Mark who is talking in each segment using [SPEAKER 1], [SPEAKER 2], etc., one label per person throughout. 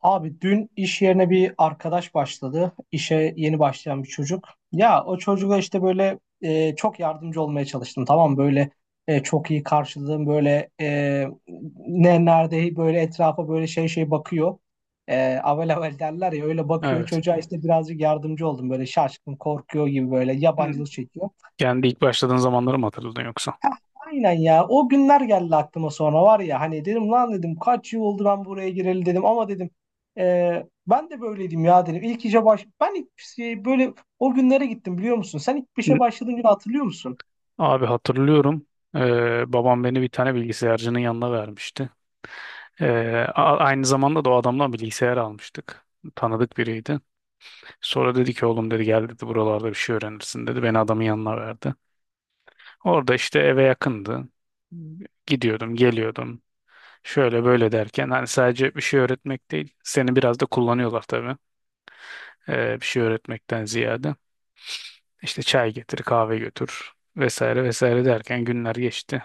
[SPEAKER 1] Abi dün iş yerine bir arkadaş başladı. İşe yeni başlayan bir çocuk. Ya o çocuğa işte böyle çok yardımcı olmaya çalıştım. Tamam mı? Böyle çok iyi karşıladım. Böyle ne nerede böyle etrafa böyle şey bakıyor. Avel avel derler ya öyle bakıyor.
[SPEAKER 2] Evet.
[SPEAKER 1] Çocuğa işte birazcık yardımcı oldum. Böyle şaşkın korkuyor gibi böyle
[SPEAKER 2] Hı.
[SPEAKER 1] yabancılık çekiyor.
[SPEAKER 2] Yani ilk başladığın zamanları mı hatırladın yoksa?
[SPEAKER 1] Heh, aynen ya. O günler geldi aklıma sonra var ya hani dedim lan dedim kaç yıl oldu ben buraya gireli dedim ama dedim ben de böyleydim ya dedim. İlk işe baş ben ilk şey, böyle o günlere gittim biliyor musun? Sen ilk işe
[SPEAKER 2] Hı.
[SPEAKER 1] başladığın günü hatırlıyor musun?
[SPEAKER 2] Abi hatırlıyorum. Babam beni bir tane bilgisayarcının yanına vermişti. Ee, Aynı zamanda da o adamdan bilgisayar almıştık. Tanıdık biriydi. Sonra dedi ki oğlum dedi gel dedi buralarda bir şey öğrenirsin dedi. Beni adamın yanına verdi. Orada işte eve yakındı. Gidiyordum, geliyordum. Şöyle böyle derken hani sadece bir şey öğretmek değil. Seni biraz da kullanıyorlar tabii. Bir şey öğretmekten ziyade. İşte çay getir, kahve götür vesaire vesaire derken günler geçti.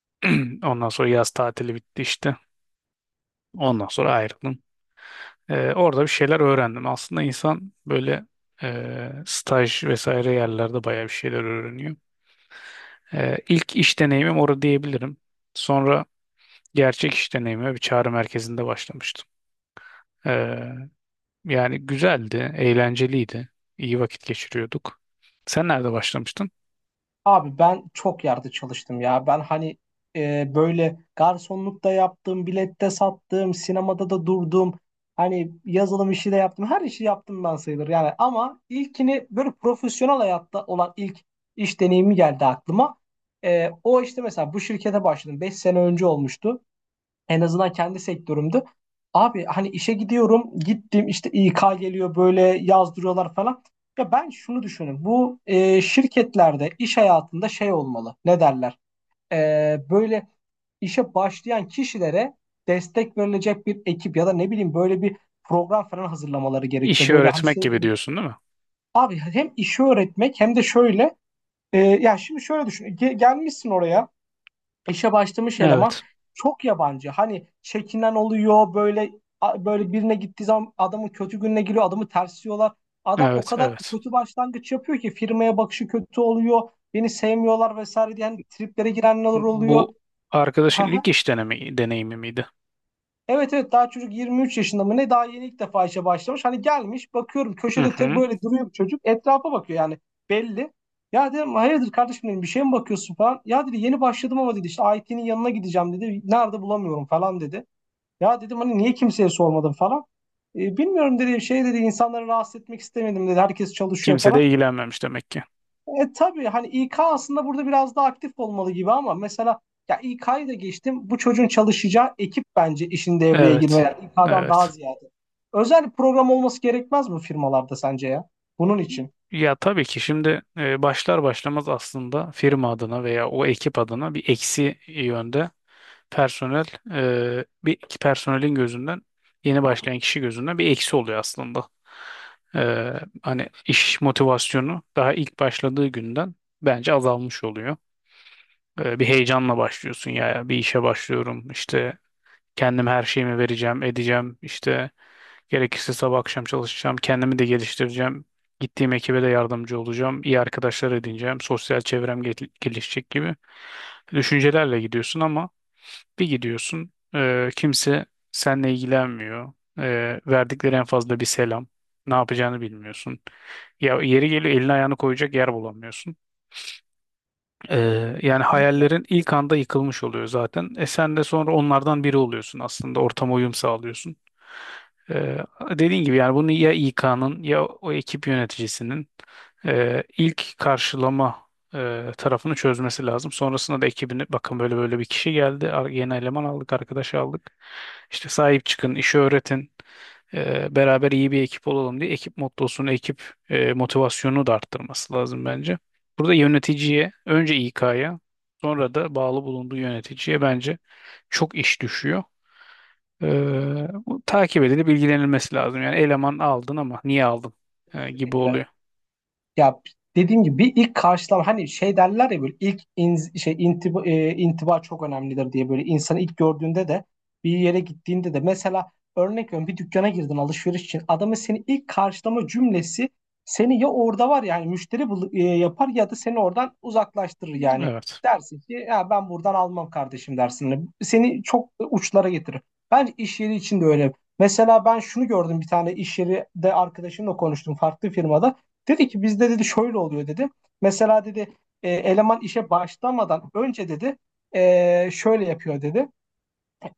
[SPEAKER 2] Ondan sonra yaz tatili bitti işte. Ondan sonra ayrıldım. Orada bir şeyler öğrendim. Aslında insan böyle staj vesaire yerlerde bayağı bir şeyler öğreniyor. İlk iş deneyimim orada diyebilirim. Sonra gerçek iş deneyime bir çağrı merkezinde başlamıştım. Ee, Yani güzeldi, eğlenceliydi. İyi vakit geçiriyorduk. Sen nerede başlamıştın?
[SPEAKER 1] Abi ben çok yerde çalıştım ya. Ben hani böyle garsonlukta yaptım, bilette sattım, sinemada da durdum. Hani yazılım işi de yaptım. Her işi yaptım ben sayılır yani. Ama ilkini böyle profesyonel hayatta olan ilk iş deneyimi geldi aklıma. O işte mesela bu şirkete başladım. 5 sene önce olmuştu. En azından kendi sektörümde. Abi hani işe gidiyorum, gittim işte İK geliyor böyle yazdırıyorlar falan. Ya ben şunu düşünüyorum. Bu şirketlerde iş hayatında şey olmalı. Ne derler? E, böyle işe başlayan kişilere destek verilecek bir ekip ya da ne bileyim böyle bir program falan hazırlamaları gerekiyor.
[SPEAKER 2] İşi
[SPEAKER 1] Böyle hani
[SPEAKER 2] öğretmek
[SPEAKER 1] şey.
[SPEAKER 2] gibi diyorsun, değil mi?
[SPEAKER 1] Abi hem işi öğretmek hem de şöyle ya şimdi şöyle düşün. Gelmişsin oraya. İşe başlamış eleman
[SPEAKER 2] Evet.
[SPEAKER 1] çok yabancı. Hani çekinen oluyor böyle böyle birine gittiği zaman adamın kötü gününe giriyor, adamı tersliyorlar. Adam o
[SPEAKER 2] Evet,
[SPEAKER 1] kadar
[SPEAKER 2] evet.
[SPEAKER 1] kötü başlangıç yapıyor ki firmaya bakışı kötü oluyor. Beni sevmiyorlar vesaire diye hani triplere girenler oluyor.
[SPEAKER 2] Bu arkadaşın deneyimi miydi?
[SPEAKER 1] Evet evet, daha çocuk 23 yaşında mı ne, daha yeni ilk defa işe başlamış. Hani gelmiş bakıyorum
[SPEAKER 2] Hı
[SPEAKER 1] köşede tek
[SPEAKER 2] hı.
[SPEAKER 1] böyle duruyor bir çocuk etrafa bakıyor yani belli. Ya dedim hayırdır kardeşim dedim bir şey mi bakıyorsun falan. Ya dedi yeni başladım ama dedi işte IT'nin yanına gideceğim dedi. Nerede bulamıyorum falan dedi. Ya dedim hani niye kimseye sormadım falan. Bilmiyorum dedi şey dedi insanları rahatsız etmek istemedim dedi. Herkes çalışıyor
[SPEAKER 2] Kimse
[SPEAKER 1] falan.
[SPEAKER 2] de ilgilenmemiş demek ki.
[SPEAKER 1] Tabii hani İK aslında burada biraz daha aktif olmalı gibi ama mesela ya İK'yı da geçtim. Bu çocuğun çalışacağı ekip bence işin devreye girmeli.
[SPEAKER 2] Evet.
[SPEAKER 1] Yani İK'dan daha
[SPEAKER 2] Evet.
[SPEAKER 1] ziyade. Özel bir program olması gerekmez mi firmalarda sence ya? Bunun için.
[SPEAKER 2] Ya tabii ki şimdi başlar başlamaz aslında firma adına veya o ekip adına bir eksi yönde personel bir personelin gözünden, yeni başlayan kişi gözünden bir eksi oluyor aslında. E, hani iş motivasyonu daha ilk başladığı günden bence azalmış oluyor. E, bir heyecanla başlıyorsun ya, ya bir işe başlıyorum işte, kendim her şeyimi vereceğim edeceğim işte, gerekirse sabah akşam çalışacağım. Kendimi de geliştireceğim. Gittiğim ekibe de yardımcı olacağım. İyi arkadaşlar edineceğim. Sosyal çevrem gelişecek gibi düşüncelerle gidiyorsun ama bir gidiyorsun, kimse seninle ilgilenmiyor. E, verdikleri en fazla bir selam. Ne yapacağını bilmiyorsun. Ya yeri geliyor elini ayağını koyacak yer bulamıyorsun. Yani
[SPEAKER 1] Kesinlikle.
[SPEAKER 2] hayallerin ilk anda yıkılmış oluyor zaten. E sen de sonra onlardan biri oluyorsun aslında. Ortama uyum sağlıyorsun. Ee, Dediğin gibi yani bunu ya İK'nın ya o ekip yöneticisinin ilk karşılama tarafını çözmesi lazım. Sonrasında da ekibini, bakın böyle böyle bir kişi geldi, yeni eleman aldık, arkadaş aldık. İşte sahip çıkın, işi öğretin, beraber iyi bir ekip olalım diye ekip mottosunu, ekip motivasyonunu da arttırması lazım bence. Burada yöneticiye, önce İK'ya, sonra da bağlı bulunduğu yöneticiye bence çok iş düşüyor. Ee, Bu takip edilip bilgilenilmesi lazım. Yani eleman aldın ama niye aldın, gibi
[SPEAKER 1] Kesinlikle.
[SPEAKER 2] oluyor.
[SPEAKER 1] Ya dediğim gibi bir ilk karşılama hani şey derler ya böyle ilk in, şey intiba çok önemlidir diye böyle insanı ilk gördüğünde de bir yere gittiğinde de mesela örnek veriyorum bir dükkana girdin alışveriş için adamın seni ilk karşılama cümlesi seni ya orada var yani müşteri yapar ya da seni oradan uzaklaştırır yani
[SPEAKER 2] Evet.
[SPEAKER 1] dersin ki ya ben buradan almam kardeşim dersin. Hani seni çok uçlara getirir. Bence iş yeri için de öyle. Mesela ben şunu gördüm bir tane iş yeri de arkadaşımla konuştum farklı firmada. Dedi ki bizde dedi şöyle oluyor dedi. Mesela dedi eleman işe başlamadan önce dedi şöyle yapıyor dedi.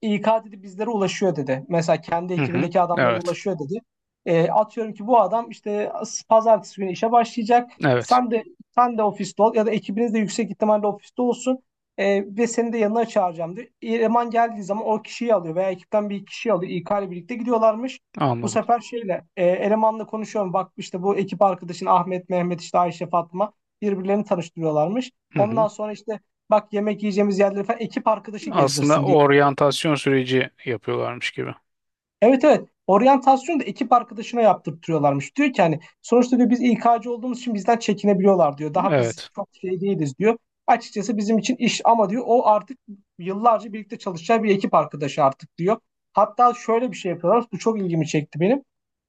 [SPEAKER 1] İK dedi bizlere ulaşıyor dedi. Mesela kendi
[SPEAKER 2] Hı hı.
[SPEAKER 1] ekibindeki adamlara
[SPEAKER 2] Evet.
[SPEAKER 1] ulaşıyor dedi. Atıyorum ki bu adam işte pazartesi günü işe başlayacak.
[SPEAKER 2] Evet.
[SPEAKER 1] Sen de sen de ofiste ol ya da ekibiniz de yüksek ihtimalle ofiste olsun. Ve seni de yanına çağıracağım diyor. Eleman geldiği zaman o kişiyi alıyor veya ekipten bir kişiyi alıyor. İK ile birlikte gidiyorlarmış. Bu
[SPEAKER 2] Anladım.
[SPEAKER 1] sefer elemanla konuşuyorum. Bak işte bu ekip arkadaşın Ahmet, Mehmet, işte Ayşe, Fatma, birbirlerini tanıştırıyorlarmış.
[SPEAKER 2] Hı hı.
[SPEAKER 1] Ondan sonra işte bak yemek yiyeceğimiz yerleri falan ekip arkadaşı
[SPEAKER 2] Aslında
[SPEAKER 1] gezdirsin diye.
[SPEAKER 2] oryantasyon süreci yapıyorlarmış gibi.
[SPEAKER 1] Evet, evet. Oryantasyonu da ekip arkadaşına yaptırtıyorlarmış. Diyor ki hani sonuçta diyor biz İK'cı olduğumuz için bizden çekinebiliyorlar diyor. Daha biz
[SPEAKER 2] Evet.
[SPEAKER 1] çok şey değiliz diyor. Açıkçası bizim için iş ama diyor o artık yıllarca birlikte çalışacağı bir ekip arkadaşı artık diyor. Hatta şöyle bir şey yapıyorlar. Bu çok ilgimi çekti benim.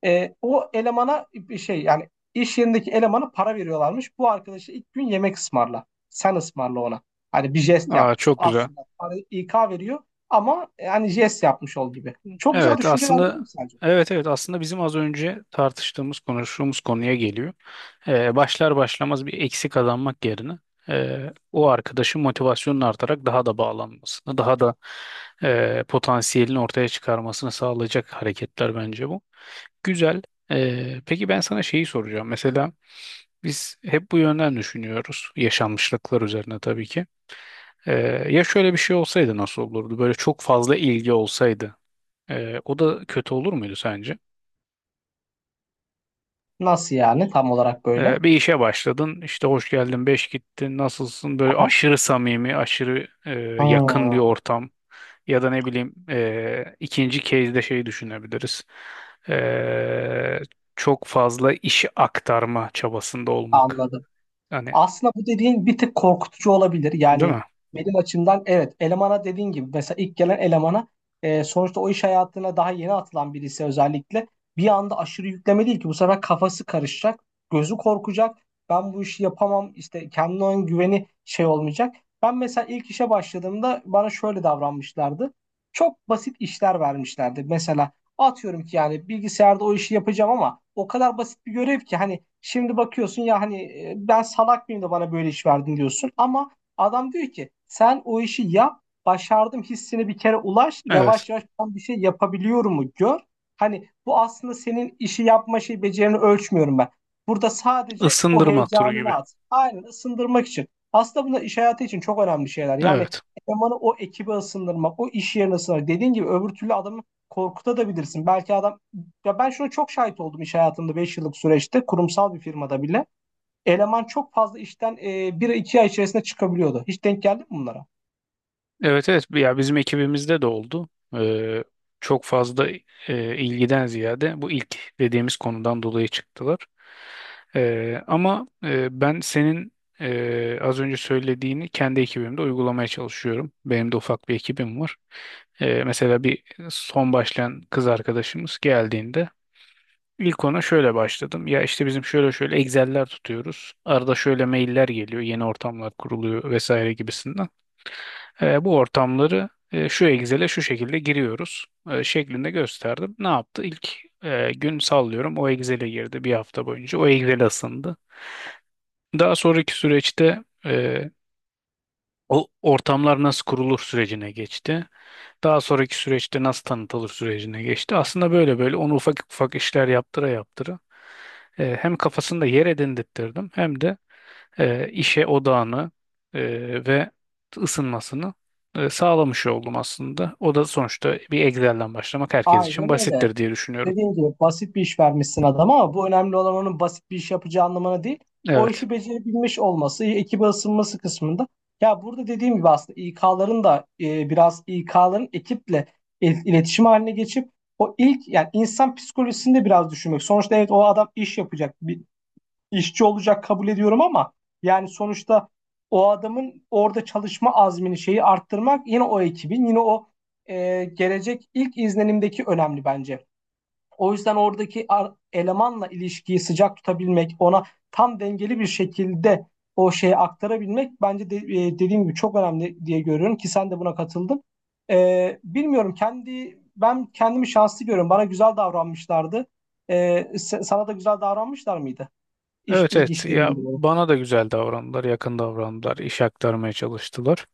[SPEAKER 1] O elemana bir şey yani iş yerindeki elemana para veriyorlarmış. Bu arkadaşı ilk gün yemek ısmarla. Sen ısmarla ona. Hani bir jest
[SPEAKER 2] Aa,
[SPEAKER 1] yapmış o.
[SPEAKER 2] çok güzel.
[SPEAKER 1] Aslında para İK veriyor ama yani jest yapmış ol gibi. Çok güzel
[SPEAKER 2] Evet,
[SPEAKER 1] düşünceler değil
[SPEAKER 2] aslında
[SPEAKER 1] mi sence?
[SPEAKER 2] evet, evet, aslında bizim az önce tartıştığımız konuştuğumuz konuya geliyor. Başlar başlamaz bir eksi kazanmak yerine o arkadaşın motivasyonun artarak daha da bağlanmasını, daha da potansiyelini ortaya çıkarmasını sağlayacak hareketler bence bu. Güzel. Peki, ben sana şeyi soracağım. Mesela biz hep bu yönden düşünüyoruz. Yaşanmışlıklar üzerine tabii ki. Ee, Ya şöyle bir şey olsaydı nasıl olurdu? Böyle çok fazla ilgi olsaydı. O da kötü olur muydu sence?
[SPEAKER 1] Nasıl yani tam olarak böyle?
[SPEAKER 2] Bir işe başladın, işte hoş geldin, beş gittin, nasılsın? Böyle
[SPEAKER 1] Aha.
[SPEAKER 2] aşırı samimi, aşırı yakın bir
[SPEAKER 1] Ha,
[SPEAKER 2] ortam. Ya da ne bileyim, ikinci case'de şey düşünebiliriz. Ee, Çok fazla işi aktarma çabasında olmak.
[SPEAKER 1] anladım.
[SPEAKER 2] Hani,
[SPEAKER 1] Aslında bu dediğin bir tık korkutucu olabilir.
[SPEAKER 2] değil
[SPEAKER 1] Yani
[SPEAKER 2] mi?
[SPEAKER 1] benim açımdan evet, elemana dediğin gibi mesela ilk gelen elemana sonuçta o iş hayatına daha yeni atılan birisi özellikle bir anda aşırı yükleme değil ki bu sefer kafası karışacak, gözü korkacak. Ben bu işi yapamam işte, kendine olan güveni şey olmayacak. Ben mesela ilk işe başladığımda bana şöyle davranmışlardı. Çok basit işler vermişlerdi. Mesela atıyorum ki yani bilgisayarda o işi yapacağım ama o kadar basit bir görev ki hani şimdi bakıyorsun ya hani ben salak mıyım da bana böyle iş verdin diyorsun, ama adam diyor ki sen o işi yap başardım hissine bir kere ulaş
[SPEAKER 2] Evet.
[SPEAKER 1] yavaş yavaş ben bir şey yapabiliyorum mu gör. Hani bu aslında senin işi yapma şey becerini ölçmüyorum ben. Burada sadece o
[SPEAKER 2] Isındırma turu
[SPEAKER 1] heyecanını
[SPEAKER 2] gibi.
[SPEAKER 1] at. Aynen, ısındırmak için. Aslında bunlar iş hayatı için çok önemli şeyler. Yani
[SPEAKER 2] Evet.
[SPEAKER 1] elemanı o ekibe ısındırmak, o iş yerine ısındırmak. Dediğin gibi öbür türlü adamın korkutabilirsin. Belki adam, ya ben şuna çok şahit oldum iş hayatımda, 5 yıllık süreçte kurumsal bir firmada bile. Eleman çok fazla işten bir iki ay içerisinde çıkabiliyordu. Hiç denk geldi mi bunlara?
[SPEAKER 2] Evet, evet, ya bizim ekibimizde de oldu. Ee, Çok fazla ilgiden ziyade bu ilk dediğimiz konudan dolayı çıktılar. Ama ben senin az önce söylediğini kendi ekibimde uygulamaya çalışıyorum. Benim de ufak bir ekibim var. Mesela son başlayan kız arkadaşımız geldiğinde ilk ona şöyle başladım. Ya işte bizim şöyle şöyle Excel'ler tutuyoruz. Arada şöyle mailler geliyor, yeni ortamlar kuruluyor vesaire gibisinden. E, bu ortamları şu Excel'e şu şekilde giriyoruz şeklinde gösterdim. Ne yaptı? İlk gün, sallıyorum, o Excel'e girdi bir hafta boyunca. O Excel'e ısındı. Daha sonraki süreçte o ortamlar nasıl kurulur sürecine geçti. Daha sonraki süreçte nasıl tanıtılır sürecine geçti. Aslında böyle böyle onu ufak ufak işler yaptıra yaptıra hem kafasında yer edindirttirdim hem de işe odağını e, ve ısınmasını sağlamış oldum aslında. O da sonuçta bir Excel'den başlamak herkes için
[SPEAKER 1] Aynen öyle.
[SPEAKER 2] basittir diye düşünüyorum.
[SPEAKER 1] Dediğim gibi basit bir iş vermişsin adama ama bu önemli, olan onun basit bir iş yapacağı anlamına değil. O
[SPEAKER 2] Evet.
[SPEAKER 1] işi becerebilmiş olması, ekibe ısınması kısmında. Ya burada dediğim gibi aslında İK'ların da biraz İK'ların ekiple iletişim haline geçip o ilk yani insan psikolojisini de biraz düşünmek. Sonuçta evet, o adam iş yapacak. Bir, işçi olacak kabul ediyorum ama yani sonuçta o adamın orada çalışma azmini şeyi arttırmak yine o ekibin yine o gelecek ilk izlenimdeki önemli bence. O yüzden oradaki elemanla ilişkiyi sıcak tutabilmek, ona tam dengeli bir şekilde o şeyi aktarabilmek bence de, dediğim gibi çok önemli diye görüyorum ki sen de buna katıldın. Bilmiyorum, kendi ben kendimi şanslı görüyorum. Bana güzel davranmışlardı. E, Sana da güzel davranmışlar mıydı? İş,
[SPEAKER 2] Evet,
[SPEAKER 1] ilk
[SPEAKER 2] evet,
[SPEAKER 1] işlerimdi
[SPEAKER 2] ya
[SPEAKER 1] bu.
[SPEAKER 2] bana da güzel davrandılar, yakın davrandılar, iş aktarmaya çalıştılar.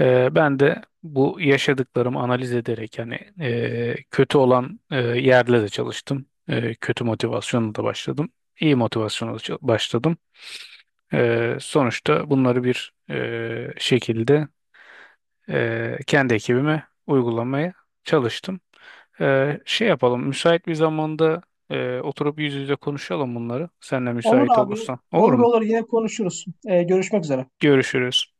[SPEAKER 2] E, ben de bu yaşadıklarımı analiz ederek hani kötü olan yerle de çalıştım. E, kötü motivasyonla da başladım. İyi motivasyonla da başladım. Sonuçta bunları bir şekilde kendi ekibime uygulamaya çalıştım. E, şey yapalım, müsait bir zamanda oturup yüz yüze konuşalım bunları. Sen de
[SPEAKER 1] Olur
[SPEAKER 2] müsait
[SPEAKER 1] abi.
[SPEAKER 2] olursan. Olur
[SPEAKER 1] Olur
[SPEAKER 2] mu?
[SPEAKER 1] olur, yine konuşuruz. Görüşmek üzere.
[SPEAKER 2] Görüşürüz.